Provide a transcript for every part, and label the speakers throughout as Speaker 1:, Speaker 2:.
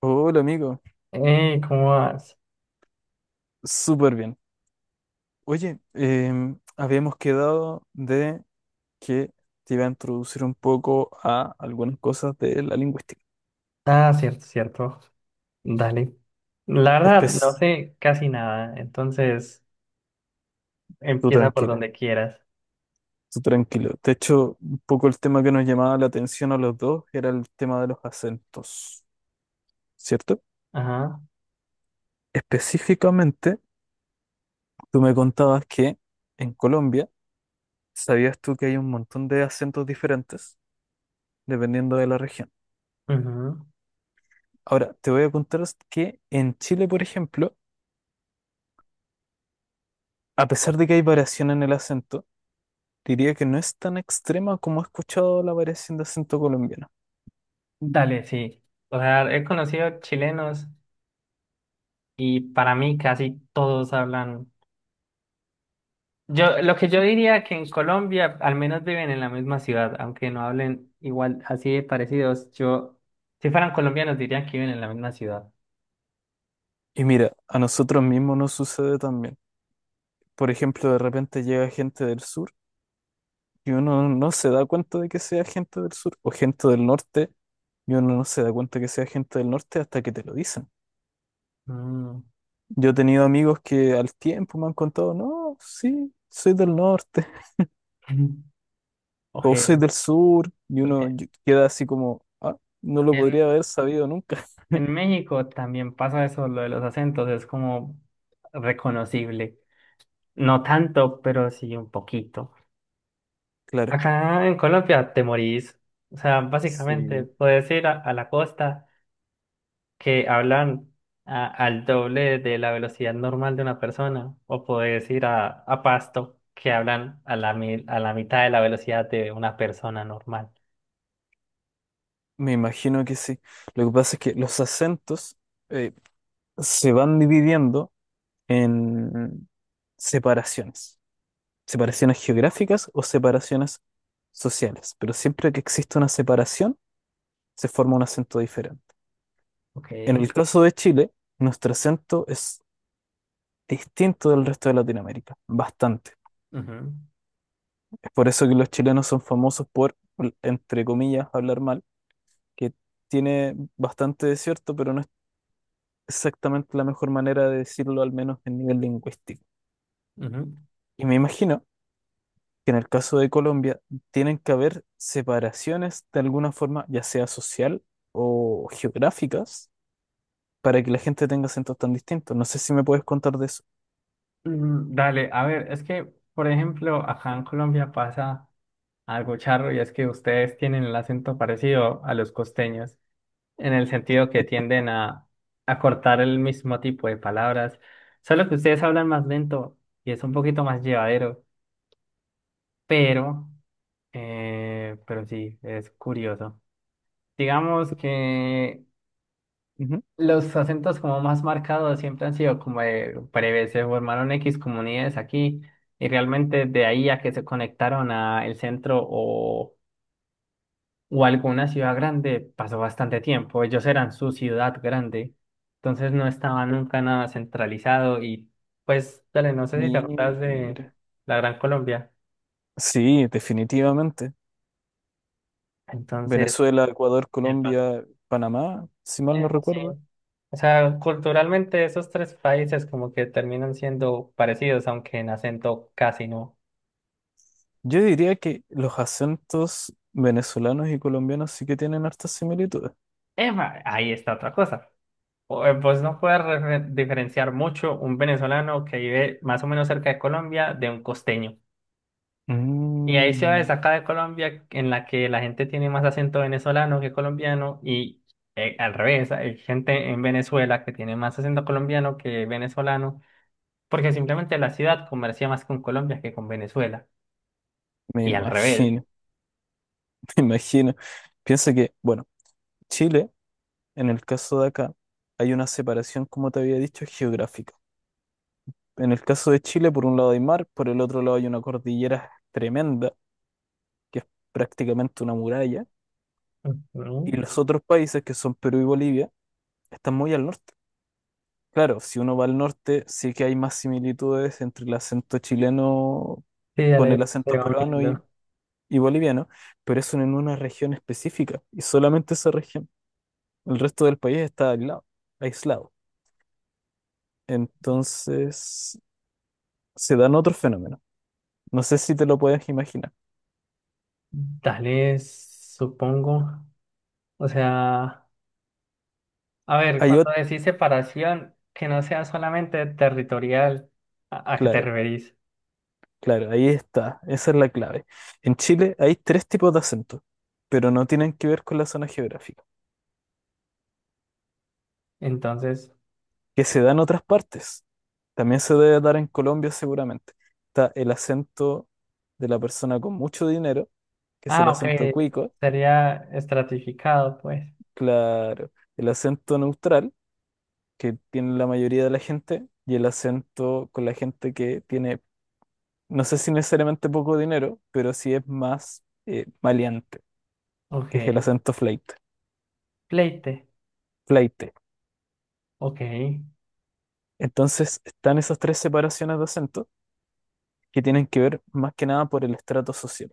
Speaker 1: Hola amigo,
Speaker 2: ¿Cómo vas?
Speaker 1: súper bien. Oye, habíamos quedado de que te iba a introducir un poco a algunas cosas de la lingüística.
Speaker 2: Ah, cierto, cierto. Dale. La verdad,
Speaker 1: Estés
Speaker 2: no sé casi nada, entonces
Speaker 1: tú
Speaker 2: empieza por
Speaker 1: tranquilo,
Speaker 2: donde quieras.
Speaker 1: tú tranquilo. De hecho, un poco el tema que nos llamaba la atención a los dos era el tema de los acentos, ¿cierto?
Speaker 2: Ajá.
Speaker 1: Específicamente, tú me contabas que en Colombia, ¿sabías tú que hay un montón de acentos diferentes dependiendo de la región?
Speaker 2: Ujú.
Speaker 1: Ahora, te voy a contar que en Chile, por ejemplo, a pesar de que hay variación en el acento, diría que no es tan extrema como he escuchado la variación de acento colombiano.
Speaker 2: Dale, sí. O sea, he conocido chilenos y para mí casi todos hablan. Lo que yo diría que en Colombia al menos viven en la misma ciudad, aunque no hablen igual, así de parecidos. Yo, si fueran colombianos, dirían que viven en la misma ciudad.
Speaker 1: Y mira, a nosotros mismos nos sucede también. Por ejemplo, de repente llega gente del sur y uno no se da cuenta de que sea gente del sur o gente del norte y uno no se da cuenta que sea gente del norte hasta que te lo dicen.
Speaker 2: Mm.
Speaker 1: Yo he tenido amigos que al tiempo me han contado, no, sí, soy del norte o soy
Speaker 2: Ok,
Speaker 1: del sur y
Speaker 2: porque
Speaker 1: queda así como, ah, no lo podría
Speaker 2: en,
Speaker 1: haber sabido nunca.
Speaker 2: En México también pasa eso, lo de los acentos, es como reconocible. No tanto, pero sí un poquito.
Speaker 1: Claro.
Speaker 2: Acá en Colombia te morís. O sea, básicamente
Speaker 1: Sí,
Speaker 2: puedes ir a la costa que hablan al doble de la velocidad normal de una persona, o puedes ir a Pasto que hablan a la mitad de la velocidad de una persona normal.
Speaker 1: me imagino que sí. Lo que pasa es que los acentos eh, se van dividiendo en separaciones, separaciones geográficas o separaciones sociales, pero siempre que existe una separación, se forma un acento diferente. En
Speaker 2: Ok.
Speaker 1: el caso de Chile, nuestro acento es distinto del resto de Latinoamérica, bastante.
Speaker 2: Ujú,
Speaker 1: Es por eso que los chilenos son famosos por, entre comillas, hablar mal, que tiene bastante de cierto, pero no exactamente la mejor manera de decirlo, al menos en nivel lingüístico.
Speaker 2: ujú.
Speaker 1: Y me imagino que en el caso de Colombia tienen que haber separaciones de alguna forma, ya sea social o geográficas, para que la gente tenga acentos tan distintos. No sé si me puedes contar de eso.
Speaker 2: Dale, a ver, es que, por ejemplo, acá en Colombia pasa algo charro y es que ustedes tienen el acento parecido a los costeños, en el sentido que tienden a cortar el mismo tipo de palabras, solo que ustedes hablan más lento y es un poquito más llevadero, pero, pero sí, es curioso. Digamos que
Speaker 1: Ujú.
Speaker 2: los acentos como más marcados siempre han sido como de breve, se formaron X comunidades aquí y realmente de ahí a que se conectaron a el centro o alguna ciudad grande pasó bastante tiempo. Ellos eran su ciudad grande, entonces no estaba nunca nada centralizado y pues dale, no sé si te acuerdas de
Speaker 1: Mira.
Speaker 2: la Gran Colombia.
Speaker 1: Sí, definitivamente.
Speaker 2: Entonces,
Speaker 1: Venezuela, Ecuador,
Speaker 2: epa,
Speaker 1: Colombia, Panamá, si mal no
Speaker 2: eso sí.
Speaker 1: recuerdo.
Speaker 2: O sea, culturalmente esos tres países como que terminan siendo parecidos, aunque en acento casi no.
Speaker 1: Yo diría que los acentos venezolanos y colombianos sí que tienen hartas similitudes.
Speaker 2: Eva, ahí está otra cosa. Vos no puedes diferenciar mucho un venezolano que vive más o menos cerca de Colombia de un costeño. Y hay ciudades
Speaker 1: Mm.
Speaker 2: acá de Colombia en la que la gente tiene más acento venezolano que colombiano y al revés, hay gente en Venezuela que tiene más acento colombiano que venezolano porque simplemente la ciudad comercia más con Colombia que con Venezuela.
Speaker 1: Me
Speaker 2: Y al revés.
Speaker 1: imagino, me imagino. Piensa que, bueno, Chile, en el caso de acá, hay una separación, como te había dicho, geográfica. En el caso de Chile, por un lado hay mar, por el otro lado hay una cordillera tremenda, que es prácticamente una muralla, y
Speaker 2: Ujú.
Speaker 1: los otros países, que son Perú y Bolivia, están muy al norte. Claro, si uno va al norte, sí que hay más similitudes entre el acento chileno
Speaker 2: Sí,
Speaker 1: con
Speaker 2: dale,
Speaker 1: el
Speaker 2: se
Speaker 1: acento
Speaker 2: va
Speaker 1: peruano
Speaker 2: uniendo.
Speaker 1: y boliviano, pero eso en una región específica, y solamente esa región. El resto del país está aislado, aislado. Entonces se dan otros fenómenos. No sé si te lo puedes imaginar.
Speaker 2: Dale, supongo. O sea. A ver,
Speaker 1: Hay
Speaker 2: cuando
Speaker 1: otro,
Speaker 2: decís separación, que no sea solamente territorial, ¿a qué te
Speaker 1: claro,
Speaker 2: referís?
Speaker 1: claro, ahí está. Esa es la clave. En Chile hay tres tipos de acentos, pero no tienen que ver con la zona geográfica,
Speaker 2: Entonces,
Speaker 1: que se da en otras partes. También se debe dar en Colombia seguramente. Está el acento de la persona con mucho dinero, que es el
Speaker 2: ah, ok,
Speaker 1: acento cuico,
Speaker 2: sería estratificado, pues.
Speaker 1: claro, el acento neutral que tiene la mayoría de la gente y el acento con la gente que tiene, no sé si necesariamente poco dinero, pero sí es más maleante,
Speaker 2: Ok,
Speaker 1: que es el acento flaite,
Speaker 2: pleite,
Speaker 1: flaite.
Speaker 2: ok.
Speaker 1: Entonces están esas tres separaciones de acento que tienen que ver más que nada por el estrato social.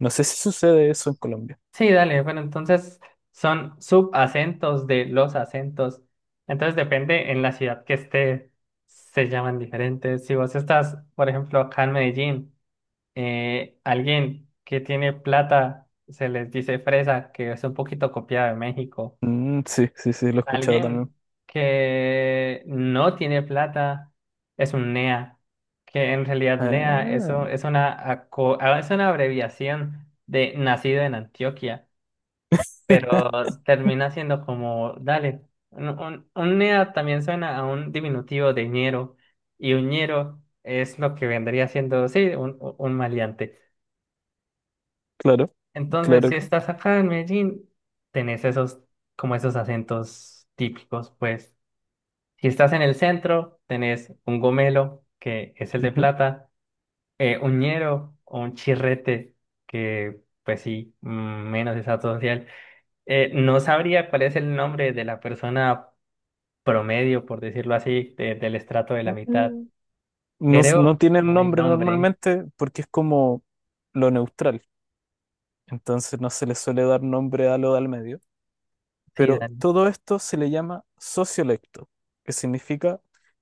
Speaker 1: No sé si sucede eso en Colombia.
Speaker 2: Sí, dale, bueno, entonces son subacentos de los acentos. Entonces depende en la ciudad que esté, se llaman diferentes. Si vos estás, por ejemplo, acá en Medellín, alguien que tiene plata se les dice fresa, que es un poquito copiada de México.
Speaker 1: Mm, sí, sí, sí, lo he escuchado también.
Speaker 2: Alguien que no tiene plata es un NEA, que en realidad NEA
Speaker 1: Ah,
Speaker 2: eso es una, aco- ah, es una abreviación de nacido en Antioquia, pero termina siendo como, dale, un NEA también suena a un diminutivo de ñero, y un ñero es lo que vendría siendo, sí, un maleante.
Speaker 1: claro,
Speaker 2: Entonces,
Speaker 1: claro
Speaker 2: si
Speaker 1: que.
Speaker 2: estás acá en Medellín, tenés esos, como esos acentos típicos, pues. Si estás en el centro, tenés un gomelo, que es el de plata, un ñero o un chirrete, que pues sí, mm, menos estatus social. No sabría cuál es el nombre de la persona promedio, por decirlo así, de- del estrato de la mitad.
Speaker 1: Ujú.
Speaker 2: Creo
Speaker 1: No tiene
Speaker 2: que
Speaker 1: un
Speaker 2: no hay
Speaker 1: nombre
Speaker 2: nombre.
Speaker 1: normalmente porque es como lo neutral. Entonces no se le suele dar nombre a lo de al medio.
Speaker 2: Sí,
Speaker 1: Pero
Speaker 2: Dani.
Speaker 1: todo esto se le llama sociolecto, que significa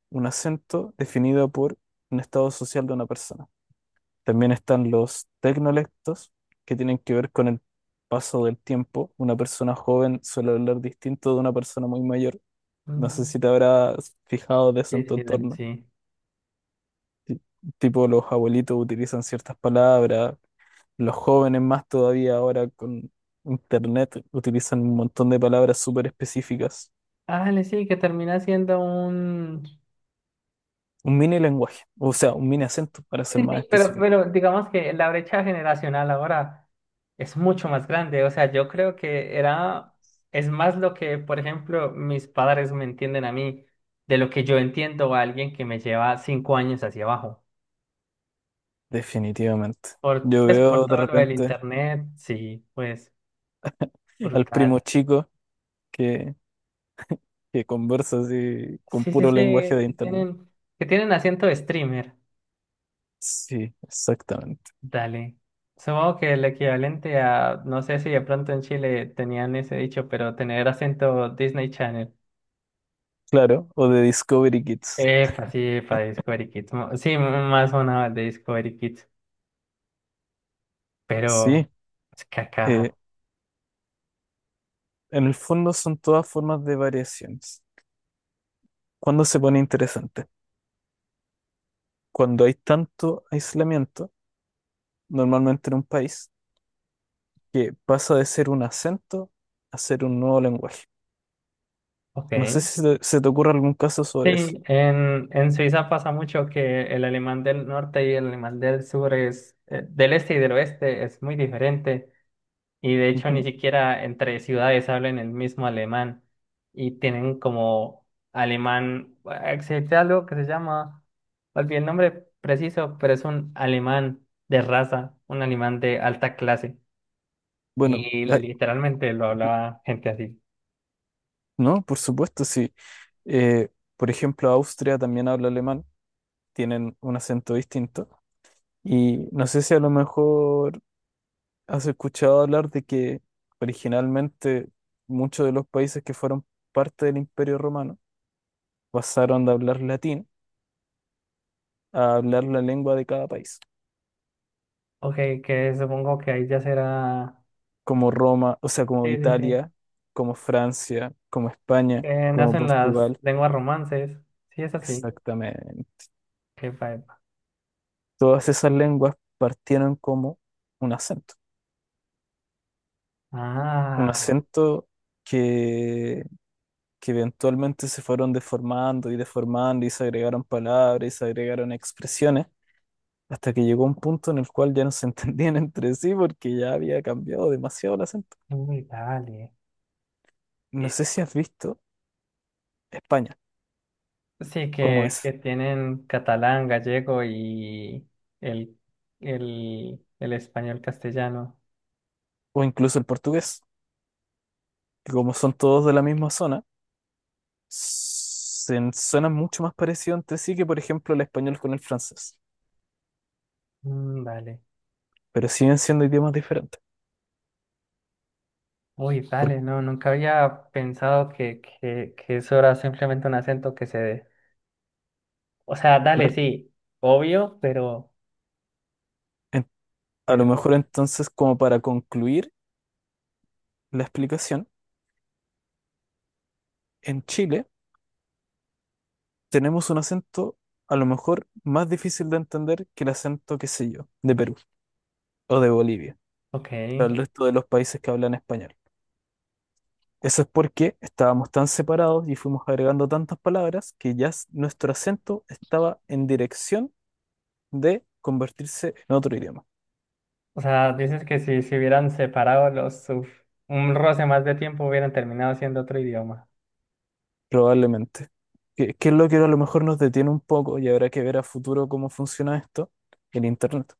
Speaker 1: un acento definido por un estado social de una persona. También están los tecnolectos, que tienen que ver con el paso del tiempo. Una persona joven suele hablar distinto de una persona muy mayor. No sé si
Speaker 2: Mm,
Speaker 1: te habrás fijado de eso en
Speaker 2: sí,
Speaker 1: tu
Speaker 2: sí, Dani,
Speaker 1: entorno.
Speaker 2: sí.
Speaker 1: Ti- Tipo, los abuelitos utilizan ciertas palabras. Los jóvenes más todavía ahora con internet utilizan un montón de palabras súper específicas.
Speaker 2: Ah, le sí, que termina siendo un.
Speaker 1: Un mini lenguaje, o sea, un mini acento para ser
Speaker 2: Sí,
Speaker 1: más
Speaker 2: sí,
Speaker 1: específico.
Speaker 2: pero digamos que la brecha generacional ahora es mucho más grande. O sea, yo creo que era, es más lo que, por ejemplo, mis padres me entienden a mí de lo que yo entiendo a alguien que me lleva 5 años hacia abajo.
Speaker 1: Definitivamente.
Speaker 2: Por,
Speaker 1: Yo
Speaker 2: pues, por
Speaker 1: veo de
Speaker 2: todo lo del
Speaker 1: repente
Speaker 2: internet, sí, pues,
Speaker 1: al
Speaker 2: brutal.
Speaker 1: primo chico que, que conversa así con
Speaker 2: Sí, sí, sí,
Speaker 1: puro lenguaje de
Speaker 2: que
Speaker 1: internet.
Speaker 2: tienen, que tienen acento de streamer.
Speaker 1: Sí, exactamente.
Speaker 2: Dale. Supongo que el equivalente a, no sé si de pronto en Chile tenían ese dicho, pero tener acento Disney Channel.
Speaker 1: Claro, o de Discovery Kids.
Speaker 2: Epa, sí, para Discovery Kids. Sí, más una el de Discovery Kids, pero
Speaker 1: Sí,
Speaker 2: es cacaja.
Speaker 1: eh, en el fondo son todas formas de variaciones. ¿Cuándo se pone interesante? Cuando hay tanto aislamiento, normalmente en un país, que pasa de ser un acento a ser un nuevo lenguaje.
Speaker 2: Ok.
Speaker 1: No sé si se te ocurre algún caso sobre eso.
Speaker 2: Sí, en Suiza pasa mucho que el alemán del norte y el alemán del sur es, del este y del oeste es muy diferente. Y de hecho ni
Speaker 1: Ujú.
Speaker 2: siquiera entre ciudades hablan el mismo alemán y tienen como alemán, existe algo que se llama, olvidé el nombre preciso, pero es un alemán de raza, un alemán de alta clase
Speaker 1: Bueno,
Speaker 2: y
Speaker 1: ay,
Speaker 2: literalmente lo hablaba gente así.
Speaker 1: no, por supuesto, sí. Eh, por ejemplo, Austria también habla alemán, tienen un acento distinto. Y no sé si a lo mejor has escuchado hablar de que originalmente muchos de los países que fueron parte del Imperio Romano pasaron de hablar latín a hablar la lengua de cada país.
Speaker 2: Ok, que supongo que ahí ya será,
Speaker 1: Como Roma, o sea, como
Speaker 2: sí, sí, sí,
Speaker 1: Italia, como Francia, como España,
Speaker 2: que
Speaker 1: como
Speaker 2: nacen las
Speaker 1: Portugal.
Speaker 2: lenguas romances, sí es así,
Speaker 1: Exactamente.
Speaker 2: qué que
Speaker 1: Todas esas lenguas partieron como un acento, un
Speaker 2: Ah,
Speaker 1: acento que, que eventualmente se fueron deformando y deformando y se agregaron palabras y se agregaron expresiones, hasta que llegó un punto en el cual ya no se entendían entre sí porque ya había cambiado demasiado el acento.
Speaker 2: uy, dale.
Speaker 1: No sé si has visto España,
Speaker 2: Sí,
Speaker 1: como
Speaker 2: que
Speaker 1: es,
Speaker 2: tienen catalán, gallego y el, el español castellano.
Speaker 1: o incluso el portugués. Que como son todos de la misma zona, se suenan mucho más parecidos entre sí que, por ejemplo, el español con el francés,
Speaker 2: Mm, dale.
Speaker 1: pero siguen siendo idiomas diferentes.
Speaker 2: Uy,
Speaker 1: Porque,
Speaker 2: dale, no, nunca había pensado que, que eso era simplemente un acento que se dé. O sea, dale,
Speaker 1: claro,
Speaker 2: sí, obvio, pero,
Speaker 1: en- a lo
Speaker 2: pero,
Speaker 1: mejor entonces, como para concluir la explicación, en Chile tenemos un acento a lo mejor más difícil de entender que el acento, qué sé yo, de Perú o de Bolivia,
Speaker 2: ok.
Speaker 1: para el resto de los países que hablan español. Eso es porque estábamos tan separados y fuimos agregando tantas palabras que nuestro acento estaba en dirección de convertirse en otro idioma,
Speaker 2: O sea, dices que si se hubieran separado los, uf, un roce más de tiempo hubieran terminado siendo otro idioma.
Speaker 1: probablemente. ¿ qué es lo que a lo mejor nos detiene un poco y habrá que ver a futuro cómo funciona esto? El Internet.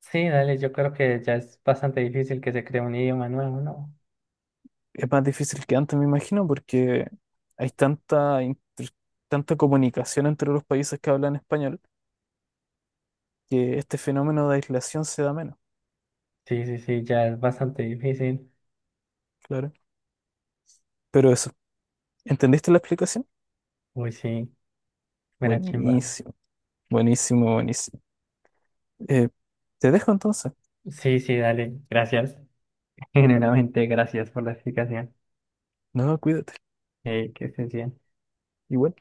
Speaker 2: Sí, dale, yo creo que ya es bastante difícil que se cree un idioma nuevo, ¿no?
Speaker 1: Es más difícil que antes, me imagino, porque hay tanta comunicación entre los países que hablan español que este fenómeno de aislación se da menos,
Speaker 2: Sí, sí, sí, ya es bastante difícil.
Speaker 1: claro. Pero eso, ¿entendiste la explicación?
Speaker 2: Uy, sí, mira, chimba.
Speaker 1: Buenísimo, buenísimo, buenísimo. Eh, te dejo entonces.
Speaker 2: Sí, sí, dale, gracias. Generalmente, gracias por la explicación.
Speaker 1: No, cuídate.
Speaker 2: Que estés bien.
Speaker 1: Igual.